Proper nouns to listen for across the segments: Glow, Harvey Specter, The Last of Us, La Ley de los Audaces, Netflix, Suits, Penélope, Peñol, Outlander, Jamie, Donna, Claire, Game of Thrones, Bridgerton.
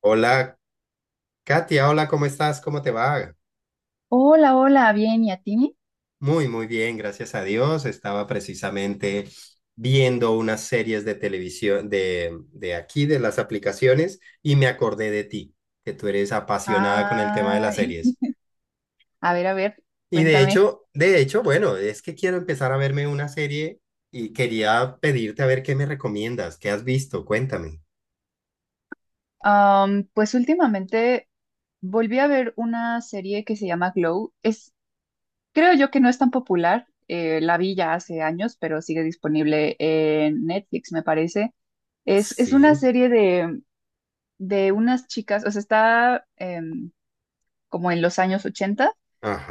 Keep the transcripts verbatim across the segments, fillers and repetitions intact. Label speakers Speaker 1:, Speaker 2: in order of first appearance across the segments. Speaker 1: Hola, Katia, hola, ¿cómo estás? ¿Cómo te va?
Speaker 2: Hola, hola, bien, ¿y a ti?
Speaker 1: Muy, muy bien, gracias a Dios. Estaba precisamente viendo unas series de televisión de, de aquí, de las aplicaciones, y me acordé de ti, que tú eres apasionada con el tema de las
Speaker 2: Ay,
Speaker 1: series.
Speaker 2: a ver, a ver,
Speaker 1: Y de
Speaker 2: cuéntame.
Speaker 1: hecho, de hecho, bueno, es que quiero empezar a verme una serie y quería pedirte a ver qué me recomiendas, qué has visto, cuéntame.
Speaker 2: Am, pues últimamente volví a ver una serie que se llama Glow. Es, creo yo que no es tan popular, eh, la vi ya hace años, pero sigue disponible en Netflix, me parece. Es, es una
Speaker 1: Sí,
Speaker 2: serie de, de unas chicas, o sea, está em, como en los años ochenta.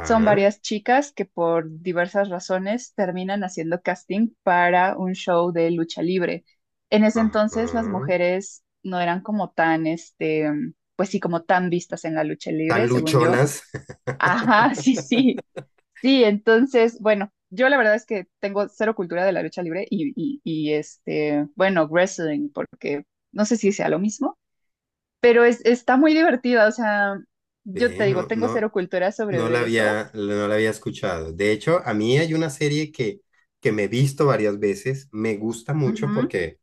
Speaker 2: Son varias chicas que por diversas razones terminan haciendo casting para un show de lucha libre. En ese entonces las
Speaker 1: ajá.
Speaker 2: mujeres no eran como tan, este, mm, pues sí, como tan vistas en la lucha
Speaker 1: Tan
Speaker 2: libre, según yo.
Speaker 1: luchonas.
Speaker 2: Ajá, sí, sí. Sí, entonces, bueno, yo la verdad es que tengo cero cultura de la lucha libre y, y, y, este, bueno, wrestling, porque no sé si sea lo mismo, pero es, está muy divertida, o sea, yo te
Speaker 1: Bien,
Speaker 2: digo,
Speaker 1: no,
Speaker 2: tengo
Speaker 1: no.
Speaker 2: cero cultura sobre
Speaker 1: No la
Speaker 2: ver eso.
Speaker 1: había, no la había escuchado. De hecho, a mí hay una serie que, que me he visto varias veces, me gusta mucho porque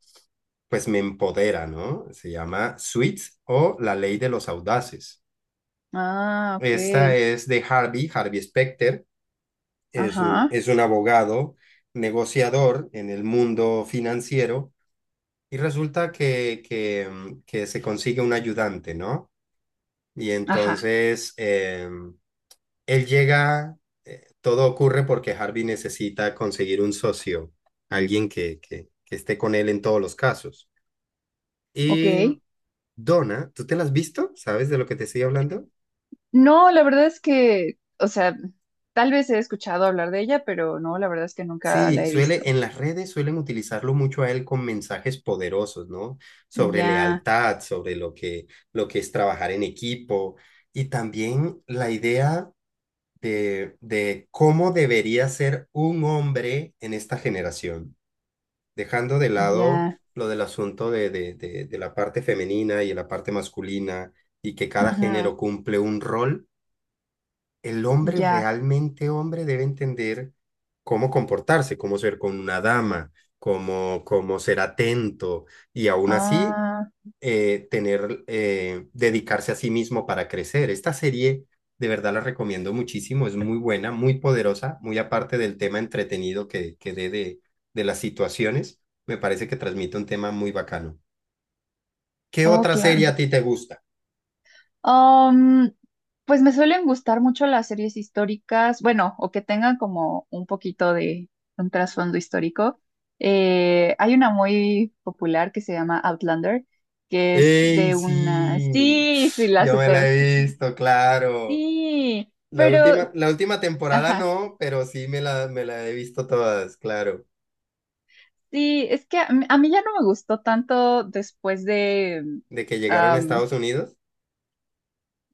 Speaker 1: pues me empodera, ¿no? Se llama Suits o La Ley de los Audaces.
Speaker 2: Ah, ok.
Speaker 1: Esta es de Harvey, Harvey Specter, es un,
Speaker 2: Ajá,
Speaker 1: es un abogado, negociador en el mundo financiero y resulta que, que, mm, que se consigue un ayudante, ¿no? Y
Speaker 2: ajá,
Speaker 1: entonces... em, Él llega, eh, todo ocurre porque Harvey necesita conseguir un socio, alguien que, que, que esté con él en todos los casos.
Speaker 2: ok.
Speaker 1: Y Donna, ¿tú te la has visto? ¿Sabes de lo que te estoy hablando?
Speaker 2: No, la verdad es que, o sea, tal vez he escuchado hablar de ella, pero no, la verdad es que nunca
Speaker 1: Sí,
Speaker 2: la he visto.
Speaker 1: suele, en las redes suelen utilizarlo mucho a él con mensajes poderosos, ¿no? Sobre
Speaker 2: Ya,
Speaker 1: lealtad, sobre lo que, lo que es trabajar en equipo y también la idea de, de cómo debería ser un hombre en esta generación, dejando de lado
Speaker 2: ya,
Speaker 1: lo del asunto de, de, de, de la parte femenina y de la parte masculina, y que cada
Speaker 2: ajá,
Speaker 1: género cumple un rol, el hombre
Speaker 2: ya.
Speaker 1: realmente hombre debe entender cómo comportarse, cómo ser con una dama, cómo, cómo ser atento y aún así
Speaker 2: Ah,
Speaker 1: eh, tener, eh, dedicarse a sí mismo para crecer. Esta serie, de verdad, la recomiendo muchísimo, es muy buena, muy poderosa, muy aparte del tema entretenido que, que dé de, de las situaciones, me parece que transmite un tema muy bacano. ¿Qué
Speaker 2: oh,
Speaker 1: otra
Speaker 2: claro.
Speaker 1: serie a ti te gusta?
Speaker 2: Um, pues me suelen gustar mucho las series históricas, bueno, o que tengan como un poquito de un trasfondo histórico. Eh, hay una muy popular que se llama Outlander, que es
Speaker 1: ¡Ey,
Speaker 2: de una...
Speaker 1: sí!
Speaker 2: Sí, sí, la
Speaker 1: Yo me la
Speaker 2: super...
Speaker 1: he visto, claro.
Speaker 2: Sí,
Speaker 1: La
Speaker 2: pero...
Speaker 1: última, la última temporada
Speaker 2: Ajá,
Speaker 1: no, pero sí me la, me la he visto todas, claro.
Speaker 2: sí, es que a, mí a mí ya no me gustó tanto después de...
Speaker 1: De que llegaron a Estados Unidos.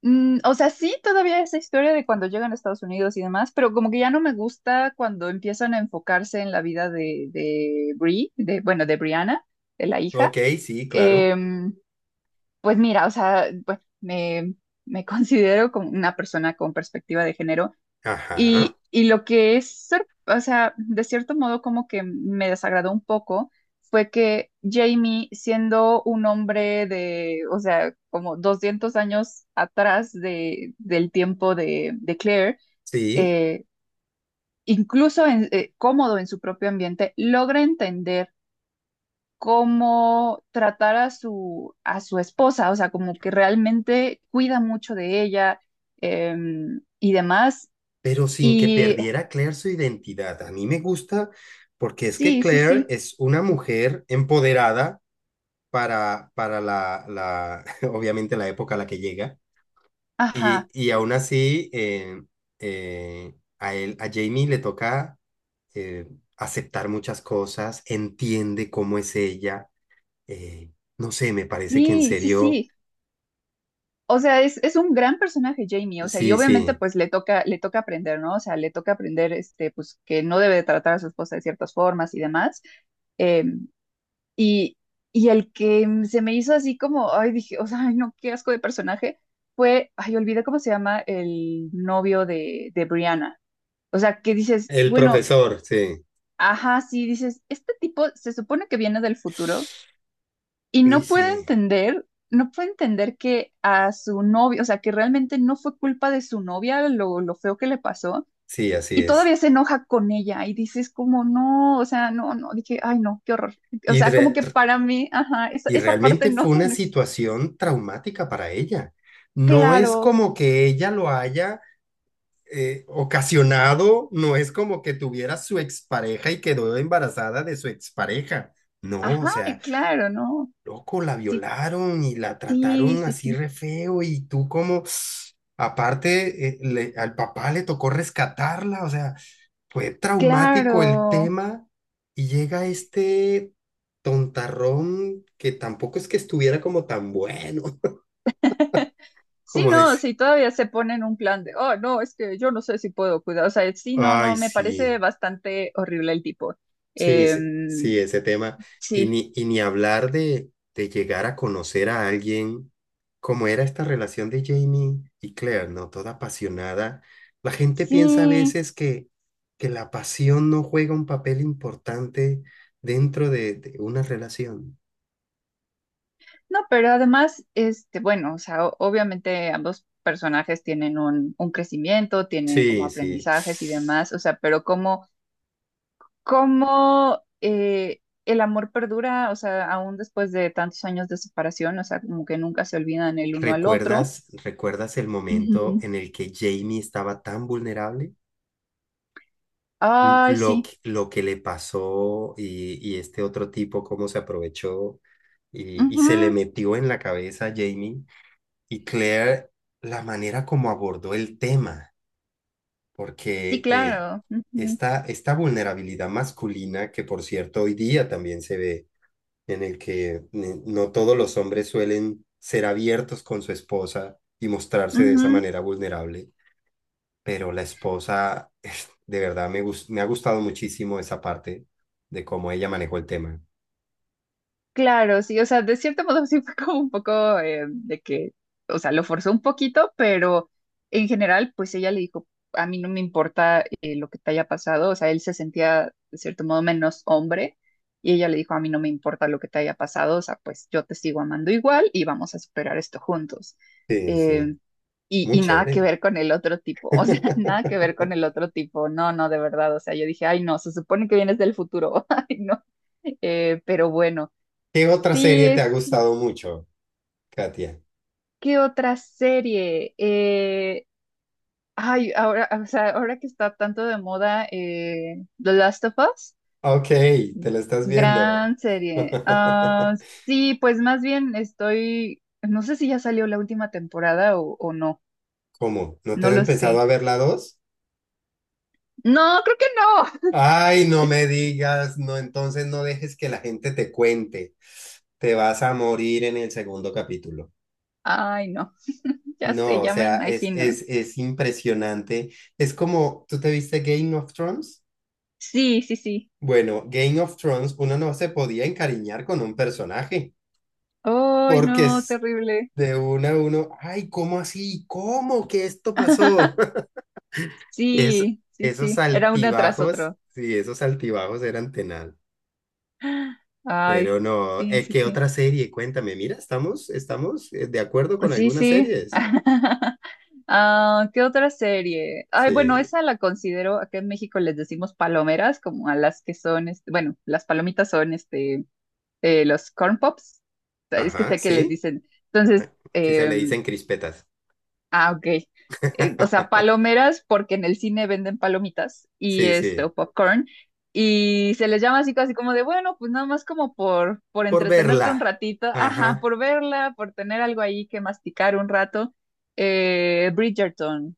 Speaker 2: Mm, o sea, sí, todavía esa historia de cuando llegan a Estados Unidos y demás, pero como que ya no me gusta cuando empiezan a enfocarse en la vida de, de Brie, de, bueno, de Brianna, de la
Speaker 1: Ok,
Speaker 2: hija.
Speaker 1: sí, claro.
Speaker 2: Em, pues mira, o sea, bueno, me, me considero como una persona con perspectiva de género
Speaker 1: Ajá,
Speaker 2: y, y lo que es, sor- o sea, de cierto modo como que me desagradó un poco fue que Jamie, siendo un hombre de, o sea, como doscientos años atrás de, del tiempo de, de Claire,
Speaker 1: sí.
Speaker 2: eh, incluso en- eh, cómodo en su propio ambiente, logra entender cómo tratar a su, a su esposa, o sea, como que realmente cuida mucho de ella em, y demás.
Speaker 1: Pero sin que
Speaker 2: Y
Speaker 1: perdiera Claire su identidad. A mí me gusta porque es que
Speaker 2: sí, sí,
Speaker 1: Claire
Speaker 2: sí.
Speaker 1: es una mujer empoderada para, para la, la, obviamente la época a la que llega, y,
Speaker 2: Ajá,
Speaker 1: y aún así eh, eh, a él, a Jamie le toca eh, aceptar muchas cosas, entiende cómo es ella, eh, no sé, me parece que en
Speaker 2: sí, sí,
Speaker 1: serio,
Speaker 2: sí. O sea, es, es un gran personaje Jamie, o sea, y
Speaker 1: sí,
Speaker 2: obviamente
Speaker 1: sí,
Speaker 2: pues le toca, le toca aprender, ¿no? O sea, le toca aprender, este, pues que no debe de tratar a su esposa de ciertas formas y demás. Eh, y, y el que mm, se me hizo así como, ay, dije, o sea, ay, no, qué asco de personaje, fue, ay, olvidé cómo se llama el novio de, de Brianna. O sea, que dices,
Speaker 1: el
Speaker 2: bueno,
Speaker 1: profesor, sí.
Speaker 2: ajá, sí, dices, este tipo se supone que viene del futuro. Y
Speaker 1: Uy,
Speaker 2: no puede
Speaker 1: sí,
Speaker 2: entender, no puede entender que a su novio, o sea, que realmente no fue culpa de su novia lo, lo feo que le pasó.
Speaker 1: sí, así
Speaker 2: Y
Speaker 1: es.
Speaker 2: todavía se enoja con ella y dices como, no, o sea, no, no, dije, ay, no, qué horror. O
Speaker 1: Y
Speaker 2: sea, como
Speaker 1: re-
Speaker 2: que para mí, ajá, esa,
Speaker 1: Y
Speaker 2: esa parte
Speaker 1: realmente fue
Speaker 2: no,
Speaker 1: una
Speaker 2: no es
Speaker 1: situación traumática para ella. No es
Speaker 2: claro,
Speaker 1: como que ella lo haya eh, ocasionado, no es como que tuviera su expareja y quedó embarazada de su expareja. No, o
Speaker 2: ajá,
Speaker 1: sea,
Speaker 2: claro, no.
Speaker 1: loco, la
Speaker 2: Sí,
Speaker 1: violaron y la
Speaker 2: sí,
Speaker 1: trataron
Speaker 2: sí,
Speaker 1: así
Speaker 2: sí,
Speaker 1: re feo y tú como, aparte, eh, le- al papá le tocó rescatarla, o sea, fue traumático el
Speaker 2: claro.
Speaker 1: tema y llega este tontarrón que tampoco es que estuviera como tan bueno,
Speaker 2: Sí,
Speaker 1: como
Speaker 2: no,
Speaker 1: decir,
Speaker 2: si todavía se ponen un plan de, oh, no, es que yo no sé si puedo cuidar. O sea, sí, no,
Speaker 1: ay,
Speaker 2: no, me parece
Speaker 1: sí,
Speaker 2: bastante horrible el tipo.
Speaker 1: sí, sí,
Speaker 2: Em,
Speaker 1: sí, ese tema. Y
Speaker 2: sí,
Speaker 1: ni, y ni hablar de, de llegar a conocer a alguien, como era esta relación de Jamie y Claire, ¿no? Toda apasionada. La gente piensa a
Speaker 2: sí,
Speaker 1: veces que, que la pasión no juega un papel importante dentro de de una relación.
Speaker 2: no, pero además, este, bueno, o sea, o- obviamente ambos personajes tienen un, un crecimiento, tienen como
Speaker 1: Sí, sí.
Speaker 2: aprendizajes y demás, o sea, pero como, como eh, el amor perdura, o sea, aún después de tantos años de separación, o sea, como que nunca se olvidan el uno al otro.
Speaker 1: ¿Recuerdas, recuerdas el momento
Speaker 2: Ujú.
Speaker 1: en el que Jamie estaba tan vulnerable? L-
Speaker 2: Ay,
Speaker 1: Lo,
Speaker 2: sí.
Speaker 1: que- lo que le pasó y, y este otro tipo, cómo se aprovechó y, y
Speaker 2: Ujú.
Speaker 1: se le metió en la cabeza a Jamie. Y Claire, la manera como abordó el tema,
Speaker 2: Sí,
Speaker 1: porque eh,
Speaker 2: claro. Ujú,
Speaker 1: esta, esta vulnerabilidad masculina, que por cierto hoy día también se ve en el que eh, no todos los hombres suelen ser abiertos con su esposa y mostrarse de esa
Speaker 2: ujú.
Speaker 1: manera vulnerable, pero la esposa, de verdad, me, gust me ha gustado muchísimo esa parte de cómo ella manejó el tema.
Speaker 2: Claro, sí, o sea, de cierto modo sí fue como un poco eh, de que, o sea, lo forzó un poquito, pero en general, pues ella le dijo, a mí no me importa eh, lo que te haya pasado, o sea, él se sentía de cierto modo menos hombre, y ella le dijo, a mí no me importa lo que te haya pasado, o sea, pues yo te sigo amando igual y vamos a superar esto juntos.
Speaker 1: Sí, sí,
Speaker 2: em, y,
Speaker 1: muy
Speaker 2: y nada que
Speaker 1: chévere.
Speaker 2: ver con el otro tipo, o sea, nada que ver con el otro tipo, no, no, de verdad, o sea, yo dije, ay, no, se supone que vienes del futuro, ay, no. Eh, pero bueno,
Speaker 1: ¿Qué otra
Speaker 2: sí,
Speaker 1: serie te ha
Speaker 2: es,
Speaker 1: gustado mucho, Katia?
Speaker 2: ¿qué otra serie? Eh, ay, ahora, o sea, ahora que está tanto de moda eh, The Last of Us,
Speaker 1: Ok, te la estás viendo.
Speaker 2: gran serie. Ah, sí, pues más bien estoy, no sé si ya salió la última temporada o, o no,
Speaker 1: ¿Cómo? ¿No
Speaker 2: no
Speaker 1: te han
Speaker 2: lo
Speaker 1: pensado a
Speaker 2: sé.
Speaker 1: ver la dos?
Speaker 2: No, creo que no.
Speaker 1: Ay, no me digas, no, entonces no dejes que la gente te cuente. Te vas a morir en el segundo capítulo.
Speaker 2: Ay, no. Ya sé,
Speaker 1: No, o
Speaker 2: ya me
Speaker 1: sea, es,
Speaker 2: imagino.
Speaker 1: es, es impresionante. Es como, ¿tú te viste Game of Thrones?
Speaker 2: Sí, sí, sí.
Speaker 1: Bueno, Game of Thrones, uno no se podía encariñar con un personaje,
Speaker 2: ¡Ay,
Speaker 1: porque
Speaker 2: no!
Speaker 1: es
Speaker 2: Terrible.
Speaker 1: de uno a uno, ay, ¿cómo así? ¿Cómo que esto pasó? Es,
Speaker 2: Sí, sí,
Speaker 1: esos
Speaker 2: sí. Era uno tras
Speaker 1: altibajos,
Speaker 2: otro.
Speaker 1: sí, esos altibajos eran tenaz. Pero
Speaker 2: Ay,
Speaker 1: no,
Speaker 2: sí,
Speaker 1: eh,
Speaker 2: sí,
Speaker 1: ¿qué
Speaker 2: sí.
Speaker 1: otra serie? Cuéntame, mira, estamos, estamos eh, de acuerdo con
Speaker 2: Sí,
Speaker 1: algunas
Speaker 2: sí.
Speaker 1: series.
Speaker 2: Ah, ¿qué otra serie? Ay,
Speaker 1: Sí,
Speaker 2: bueno, esa la considero, acá en México les decimos palomeras, como a las que son, este, bueno, las palomitas son este, eh, los corn pops. O sea, es que
Speaker 1: ajá,
Speaker 2: sé que les
Speaker 1: sí.
Speaker 2: dicen. Entonces,
Speaker 1: Ah, quizá le
Speaker 2: em,
Speaker 1: dicen crispetas.
Speaker 2: Ah, ok. Eh, o sea, palomeras porque en el cine venden palomitas y
Speaker 1: Sí,
Speaker 2: este,
Speaker 1: sí.
Speaker 2: o popcorn. Y se les llama así casi como de, bueno, pues nada más como por, por
Speaker 1: Por
Speaker 2: entretenerte
Speaker 1: verla.
Speaker 2: un ratito, ajá,
Speaker 1: Ajá.
Speaker 2: por verla, por tener algo ahí que masticar un rato. Eh, Bridgerton.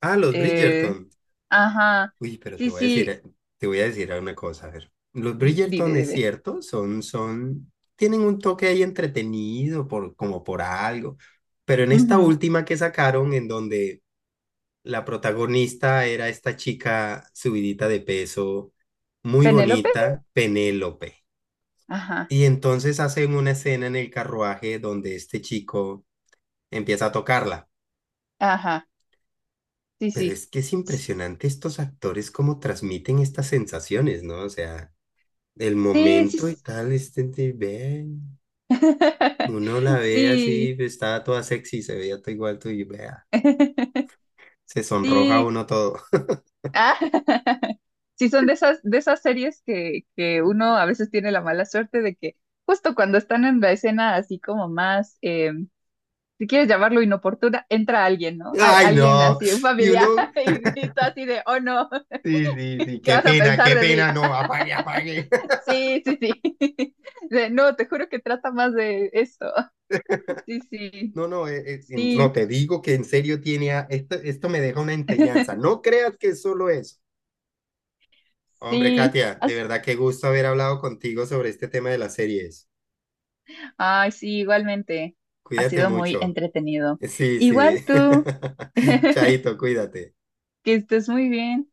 Speaker 1: Ah, los
Speaker 2: Eh,
Speaker 1: Bridgerton.
Speaker 2: ajá.
Speaker 1: Uy, pero te
Speaker 2: Sí,
Speaker 1: voy a decir,
Speaker 2: sí.
Speaker 1: eh, te voy a decir una cosa. A ver. Los Bridgerton
Speaker 2: Dime,
Speaker 1: es
Speaker 2: dime.
Speaker 1: cierto, son, son, tienen un toque ahí entretenido por, como por algo. Pero en esta
Speaker 2: Ujú.
Speaker 1: última que sacaron, en donde la protagonista era esta chica subidita de peso, muy
Speaker 2: Penélope.
Speaker 1: bonita, Penélope.
Speaker 2: Ajá,
Speaker 1: Y entonces hacen una escena en el carruaje donde este chico empieza a tocarla.
Speaker 2: ajá. Sí,
Speaker 1: Pero
Speaker 2: sí.
Speaker 1: es que es impresionante estos actores cómo transmiten estas sensaciones, ¿no? O sea, el
Speaker 2: Sí, sí.
Speaker 1: momento y tal, este, de- ve,
Speaker 2: Sí.
Speaker 1: uno la ve así,
Speaker 2: Sí.
Speaker 1: está toda sexy, se veía todo igual, tú y vea, se sonroja
Speaker 2: Sí.
Speaker 1: uno todo.
Speaker 2: Ah, sí, son de esas, de esas series que, que uno a veces tiene la mala suerte de que justo cuando están en la escena así como más, eh, si quieres llamarlo inoportuna, entra alguien, ¿no? Al-
Speaker 1: ¡Ay,
Speaker 2: alguien
Speaker 1: no!
Speaker 2: así, un
Speaker 1: Y
Speaker 2: familiar,
Speaker 1: uno,
Speaker 2: y, y tú así de, oh no,
Speaker 1: sí, sí, sí,
Speaker 2: ¿qué
Speaker 1: qué
Speaker 2: vas a
Speaker 1: pena,
Speaker 2: pensar
Speaker 1: qué
Speaker 2: de mí?
Speaker 1: pena, no, apague, apague.
Speaker 2: Sí, sí, sí. De, no, te juro que trata más de esto. Sí, sí,
Speaker 1: No, no, eh, eh, en- no,
Speaker 2: sí,
Speaker 1: te digo que en serio tiene, a- esto, esto me deja una enseñanza. No creas que es solo eso. Hombre,
Speaker 2: sí.
Speaker 1: Katia, de
Speaker 2: Has-
Speaker 1: verdad qué gusto haber hablado contigo sobre este tema de las series.
Speaker 2: Ay, sí, igualmente. Ha
Speaker 1: Cuídate
Speaker 2: sido muy
Speaker 1: mucho.
Speaker 2: entretenido.
Speaker 1: Sí,
Speaker 2: Igual
Speaker 1: sí.
Speaker 2: tú.
Speaker 1: Chaito, cuídate.
Speaker 2: Que estés muy bien.